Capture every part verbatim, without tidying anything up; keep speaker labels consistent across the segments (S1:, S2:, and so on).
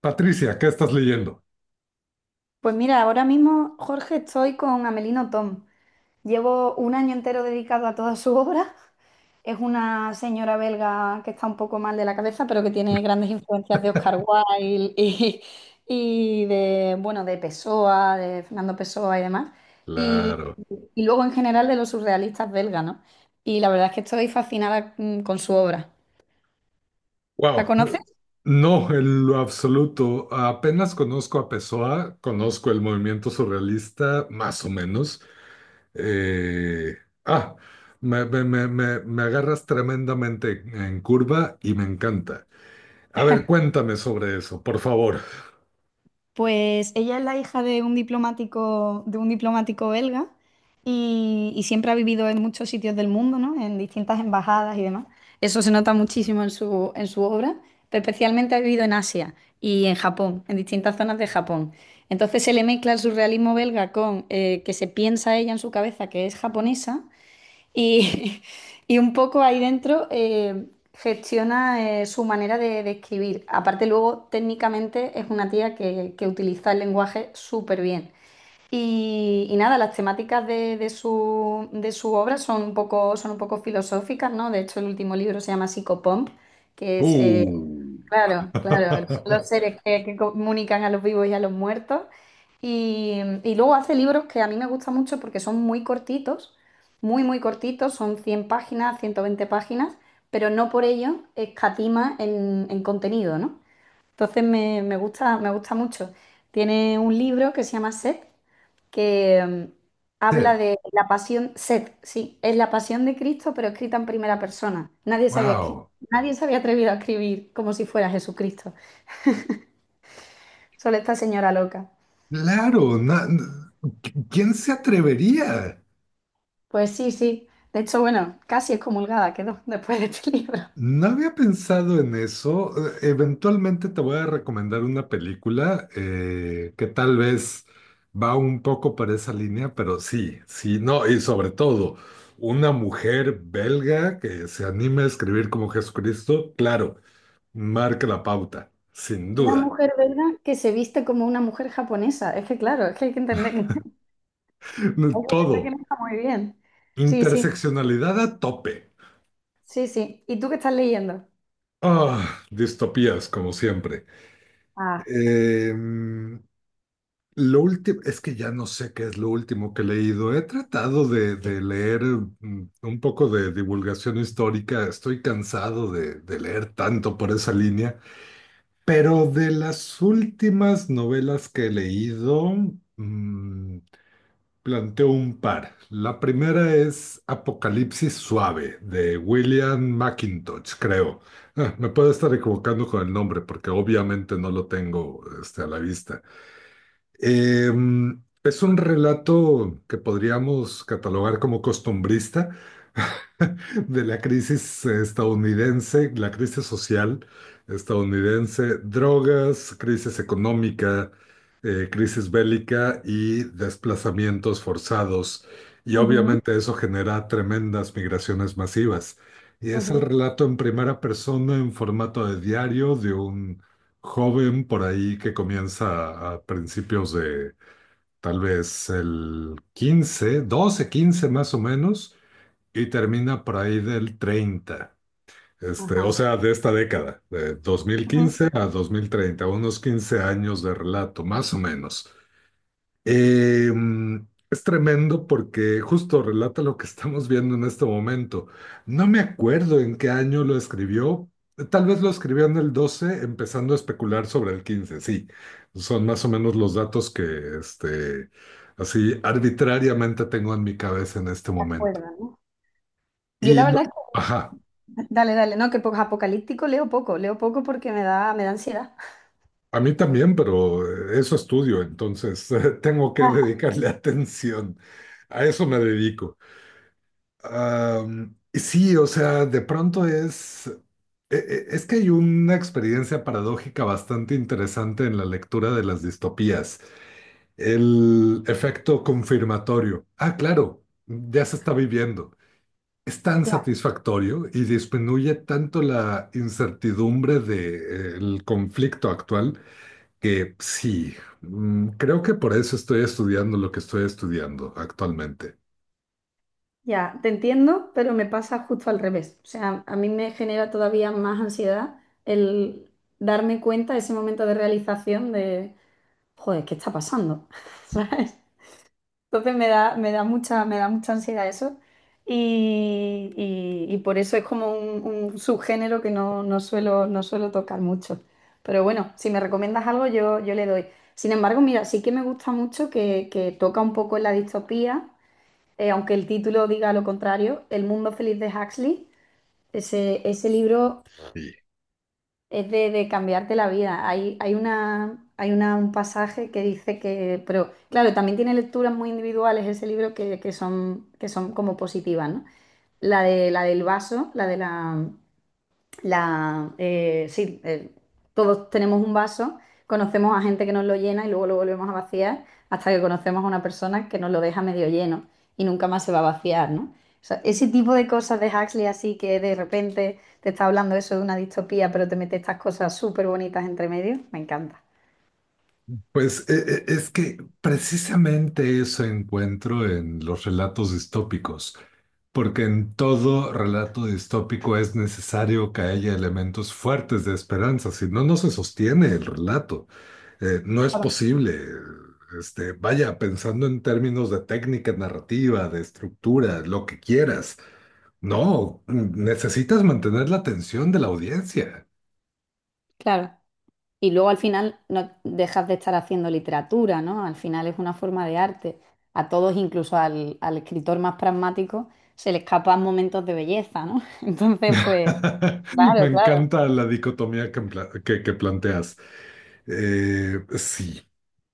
S1: Patricia, ¿qué estás leyendo?
S2: Pues mira, ahora mismo, Jorge, estoy con Amelino Tom. Llevo un año entero dedicado a toda su obra. Es una señora belga que está un poco mal de la cabeza, pero que tiene grandes influencias de Oscar Wilde y, y de, bueno, de Pessoa, de Fernando Pessoa y demás. Y,
S1: Claro.
S2: y luego en general de los surrealistas belgas, ¿no? Y la verdad es que estoy fascinada mm, con su obra. ¿La
S1: Wow,
S2: conoces?
S1: no, en lo absoluto. Apenas conozco a Pessoa, conozco el movimiento surrealista, más o menos. Eh, ah, me, me- me- me- me agarras tremendamente en curva y me encanta. A ver, cuéntame sobre eso, por favor.
S2: Pues ella es la hija de un diplomático, de un diplomático belga y, y siempre ha vivido en muchos sitios del mundo, ¿no? En distintas embajadas y demás. Eso se nota muchísimo en su, en su obra, pero especialmente ha vivido en Asia y en Japón, en distintas zonas de Japón. Entonces se le mezcla el surrealismo belga con eh, que se piensa ella en su cabeza que es japonesa y, y un poco ahí dentro eh, gestiona eh, su manera de, de escribir. Aparte, luego técnicamente es una tía que, que utiliza el lenguaje súper bien. Y, y nada, las temáticas de, de su, de su obra son un poco, son un poco filosóficas, ¿no? De hecho, el último libro se llama Psicopomp, que es eh,
S1: Uh.
S2: claro, claro, son los seres que, que comunican a los vivos y a los muertos. Y, y luego hace libros que a mí me gustan mucho porque son muy cortitos, muy, muy cortitos, son cien páginas, ciento veinte páginas, pero no por ello escatima en, en contenido, ¿no? Entonces me, me gusta, me gusta mucho. Tiene un libro que se llama Set, que mm, habla
S1: Ted,
S2: de la pasión, sed, sí, es la pasión de Cristo, pero escrita en primera persona. Nadie se había, escri-
S1: wow.
S2: nadie se había atrevido a escribir como si fuera Jesucristo, solo esta señora loca.
S1: Claro, na- ¿quién se atrevería?
S2: Pues sí, sí, de hecho, bueno, casi excomulgada quedó después de este libro.
S1: No había pensado en eso. Eh, Eventualmente te voy a recomendar una película eh, que tal vez va un poco para esa línea, pero sí, sí, no, y sobre todo, una mujer belga que se anime a escribir como Jesucristo, claro, marca la pauta, sin
S2: Una
S1: duda.
S2: mujer, ¿verdad?, que se viste como una mujer japonesa. Es que claro, es que hay que entender que, hay que entender que
S1: Todo,
S2: no está muy bien. Sí, sí,
S1: interseccionalidad a tope.
S2: sí, sí. ¿Y tú qué estás leyendo?
S1: Ah, distopías, como siempre.
S2: Ah,
S1: Em, Lo último, es que ya no sé qué es lo último que he leído. He tratado de, de leer mm, un poco de divulgación histórica. Estoy cansado de, de leer tanto por esa línea. Pero de las últimas novelas que he leído, mm, planteo un par. La primera es Apocalipsis Suave, de William McIntosh, creo. Ah, me puedo estar equivocando con el nombre porque obviamente no lo tengo este, a la vista. Eh, es un relato que podríamos catalogar como costumbrista de la crisis estadounidense, la crisis social estadounidense, drogas, crisis económica, eh, crisis bélica y desplazamientos forzados. Y
S2: ujú,
S1: obviamente eso genera tremendas migraciones masivas. Y es el
S2: ujú,
S1: relato en primera persona, en formato de diario, de un joven por ahí que comienza a a principios de tal vez el quince doce quince más o menos, y termina por ahí del treinta. Este, o
S2: ajá,
S1: sea, de esta década, de dos mil
S2: ujú.
S1: quince a dos mil treinta, unos quince años de relato, más o menos. Eh, es tremendo porque justo relata lo que estamos viendo en este momento. No me acuerdo en qué año lo escribió. Tal vez lo escribió en el doce, empezando a especular sobre el quince. Sí, son más o menos los datos que este, así arbitrariamente tengo en mi cabeza en este
S2: ¿Te
S1: momento.
S2: acuerdas, no? Yo
S1: Y
S2: la
S1: lo-
S2: verdad
S1: ajá,
S2: dale, dale, no, que po- apocalíptico leo poco, leo poco porque me da, me da ansiedad.
S1: a mí también, pero eh, eso estudio, entonces tengo que
S2: Ah,
S1: dedicarle atención. A eso me dedico. Am, sí, o sea, de pronto es, e- e- es que hay una experiencia paradójica bastante interesante en la lectura de las distopías, el efecto confirmatorio. Ah, claro, ya se está viviendo. Es tan
S2: ya,
S1: satisfactorio y disminuye tanto la incertidumbre del conflicto actual que sí, mm, creo que por eso estoy estudiando lo que estoy estudiando actualmente.
S2: ya, te entiendo, pero me pasa justo al revés. O sea, a mí me genera todavía más ansiedad el darme cuenta, ese momento de realización de, joder, ¿qué está pasando? ¿Sabes? Entonces me da, me da mucha, me da mucha ansiedad eso. Y, y- y por eso es como un, un subgénero que no, no suelo, no suelo tocar mucho. Pero bueno, si me recomiendas algo, yo, yo le doy. Sin embargo, mira, sí que me gusta mucho que, que toca un poco en la distopía, eh, aunque el título diga lo contrario, El mundo feliz de Huxley. Ese, ese libro es de, de cambiarte la vida. Hay, hay una, hay una, un pasaje que dice que, pero claro, también tiene lecturas muy individuales ese libro que, que son, que son como positivas, ¿no? La de, la del vaso, la de la, la, eh, sí, eh, todos tenemos un vaso, conocemos a gente que nos lo llena y luego lo volvemos a vaciar hasta que conocemos a una persona que nos lo deja medio lleno y nunca más se va a vaciar, ¿no? O sea, ese tipo de cosas de Huxley así que de repente te está hablando eso de una distopía, pero te mete estas cosas súper bonitas entre medio, me encanta.
S1: Pues e- e- es que precisamente eso encuentro en los relatos distópicos, porque en todo relato distópico es necesario que haya elementos fuertes de esperanza, si no, no se sostiene el relato. Eh, no es
S2: Claro.
S1: posible. Este, vaya, pensando en términos de técnica narrativa, de estructura, lo que quieras. No, necesitas mantener la atención de la audiencia.
S2: Claro. Y luego al final no dejas de estar haciendo literatura, ¿no? Al final es una forma de arte. A todos, incluso al, al escritor más pragmático, se le escapan momentos de belleza, ¿no? Entonces, pues,
S1: Me
S2: claro, claro.
S1: encanta la dicotomía que, empla- que que planteas. Eh, sí,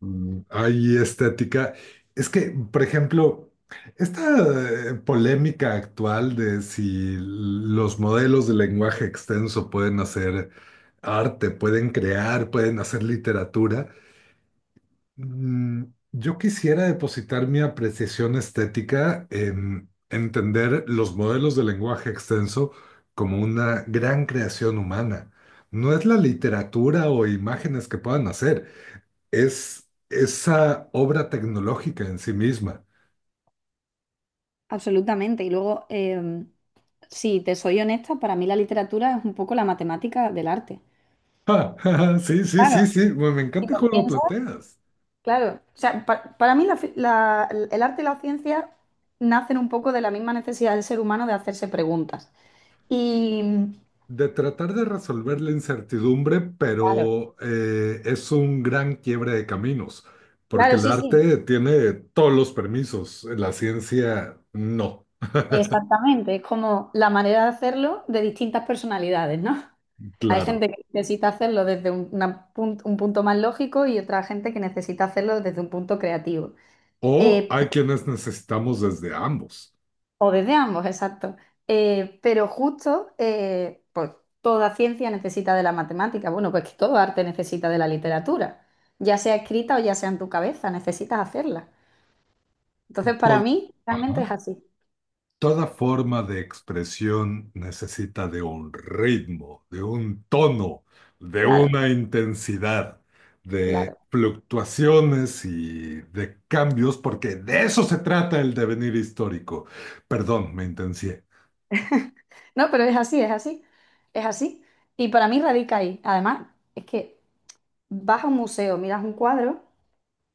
S1: Mm, hay estética. Es que, por ejemplo, esta eh, polémica actual de si los modelos de lenguaje extenso pueden hacer arte, pueden crear, pueden hacer literatura, mm, yo quisiera depositar mi apreciación estética en entender los modelos de lenguaje extenso como una gran creación humana. No es la literatura o imágenes que puedan hacer, es esa obra tecnológica en sí misma.
S2: Absolutamente. Y luego, em, si te soy honesta, para mí la literatura es un poco la matemática del arte.
S1: Ja, sí, sí, sí,
S2: Claro,
S1: sí, me, me
S2: si
S1: encanta
S2: lo
S1: cómo lo
S2: piensas,
S1: planteas.
S2: claro. O sea, pa- para mí la fi- la- el arte y la ciencia nacen un poco de la misma necesidad del ser humano de hacerse preguntas. Y,
S1: De tratar de resolver la incertidumbre,
S2: claro.
S1: pero eh, es un gran quiebre de caminos, porque
S2: Claro,
S1: el
S2: sí, sí,
S1: arte tiene todos los permisos, la ciencia no,
S2: exactamente. Es como la manera de hacerlo de distintas personalidades, ¿no? Hay
S1: claro.
S2: gente que necesita hacerlo desde un, una pun- un punto más lógico y otra gente que necesita hacerlo desde un punto creativo.
S1: O
S2: Eh,
S1: hay quienes necesitamos desde ambos.
S2: o desde ambos, exacto. Eh, pero justo, eh, pues toda ciencia necesita de la matemática. Bueno, pues que todo arte necesita de la literatura, ya sea escrita o ya sea en tu cabeza, necesitas hacerla. Entonces, para
S1: To-
S2: mí, realmente
S1: Ajá.
S2: es así.
S1: Toda forma de expresión necesita de un ritmo, de un tono, de
S2: Claro,
S1: una intensidad, de
S2: claro.
S1: fluctuaciones y de cambios, porque de eso se trata el devenir histórico. Perdón, me intencié.
S2: No, pero es así, es así, es así. Y para mí radica ahí. Además, es que vas a un museo, miras un cuadro,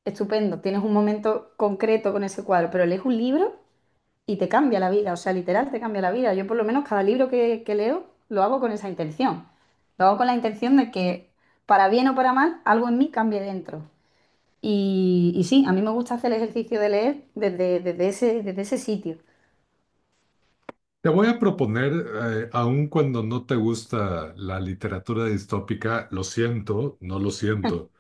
S2: estupendo, tienes un momento concreto con ese cuadro, pero lees un libro y te cambia la vida, o sea, literal te cambia la vida. Yo por lo menos cada libro que, que leo lo hago con esa intención. Lo hago con la intención de que, para bien o para mal, algo en mí cambie dentro. Y, y sí, a mí me gusta hacer el ejercicio de leer desde, desde ese, desde ese sitio.
S1: Te voy a proponer, eh, aun cuando no te gusta la literatura distópica, lo siento, no lo siento.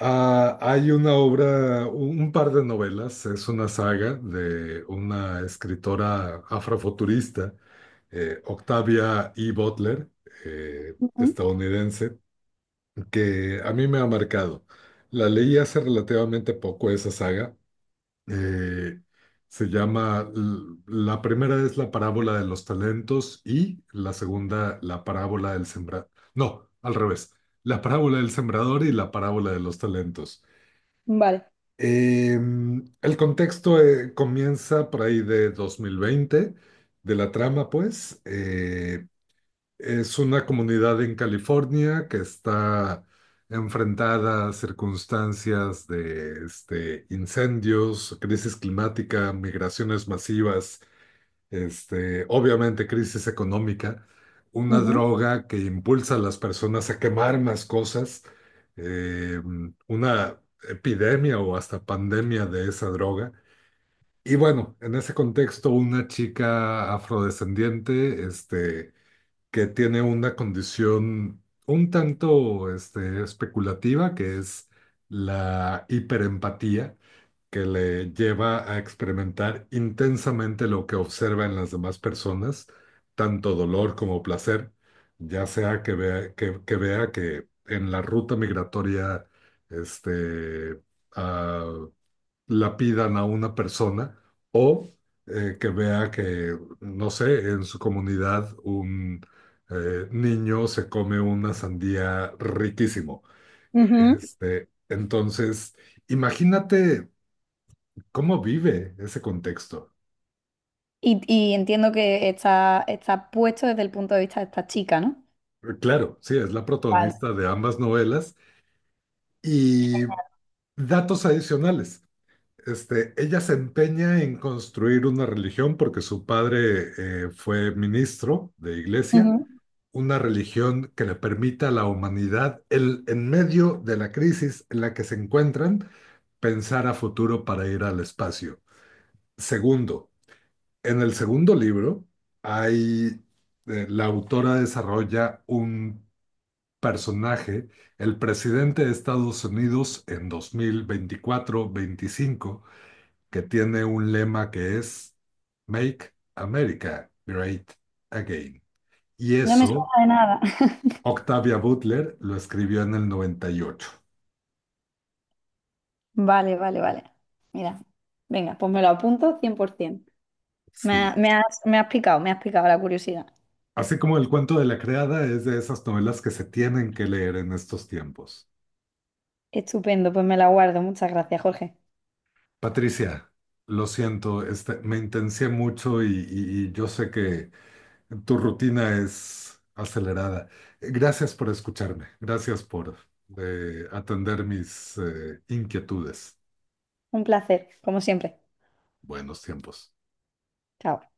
S1: Ah, hay una obra, un un par de novelas, es una saga de una escritora afrofuturista, eh, Octavia E. Butler, eh,
S2: Ujú,
S1: estadounidense, que a mí me ha marcado. La leí hace relativamente poco esa saga. eh, se llama, l- la primera es La parábola de los talentos y la segunda, La parábola del sembrador. No, al revés. La parábola del sembrador y La parábola de los talentos.
S2: vale.
S1: Eh, el contexto eh, comienza por ahí de dos mil veinte. De la trama, pues. Eh, es una comunidad en California que está enfrentada a circunstancias de este, incendios, crisis climática, migraciones masivas este, obviamente crisis económica, una
S2: Ujú,
S1: droga que impulsa a las personas a quemar más cosas, eh, una epidemia o hasta pandemia de esa droga. Y bueno, en ese contexto, una chica afrodescendiente, este, que tiene una condición un tanto, este, especulativa, que es la hiperempatía, que le lleva a experimentar intensamente lo que observa en las demás personas, tanto dolor como placer, ya sea que vea que, que vea que en la ruta migratoria este, ah, lapidan a una persona, o eh, que vea que, no sé, en su comunidad un eh, niño se come una sandía riquísimo.
S2: ujú.
S1: Este, entonces, imagínate, ¿cómo vive ese contexto?
S2: Y, y entiendo que está, está puesto desde el punto de vista de esta chica, ¿no?
S1: Eh, Claro, sí, es la
S2: Vale.
S1: protagonista de ambas novelas, y datos adicionales. Este, ella se empeña en construir una religión porque su padre eh, fue ministro de iglesia,
S2: Ujú.
S1: una religión que le permita a la humanidad, el, en medio de la crisis en la que se encuentran, pensar a futuro para ir al espacio. Segundo, en el segundo libro hay, eh, la autora desarrolla un personaje, el presidente de Estados Unidos en dos mil veinticuatro veinticinco, que tiene un lema que es Make America Great Again. Y
S2: No me suena
S1: eso,
S2: de nada.
S1: Octavia Butler lo escribió en el noventa y ocho.
S2: Vale, vale, vale. Mira, venga, pues me lo apunto cien por ciento. Me,
S1: Sí.
S2: ha- me has, me has picado, me has picado la curiosidad.
S1: Así como el cuento de la creada es de esas novelas que se tienen que leer en estos tiempos.
S2: Estupendo, pues me la guardo. Muchas gracias, Jorge.
S1: Patricia, lo siento, este, me intencié mucho y, y- y yo sé que tu rutina es acelerada. Eh, Gracias por escucharme. Gracias por eh, atender mis eh, inquietudes.
S2: Un placer, como siempre.
S1: Buenos tiempos.
S2: Chao.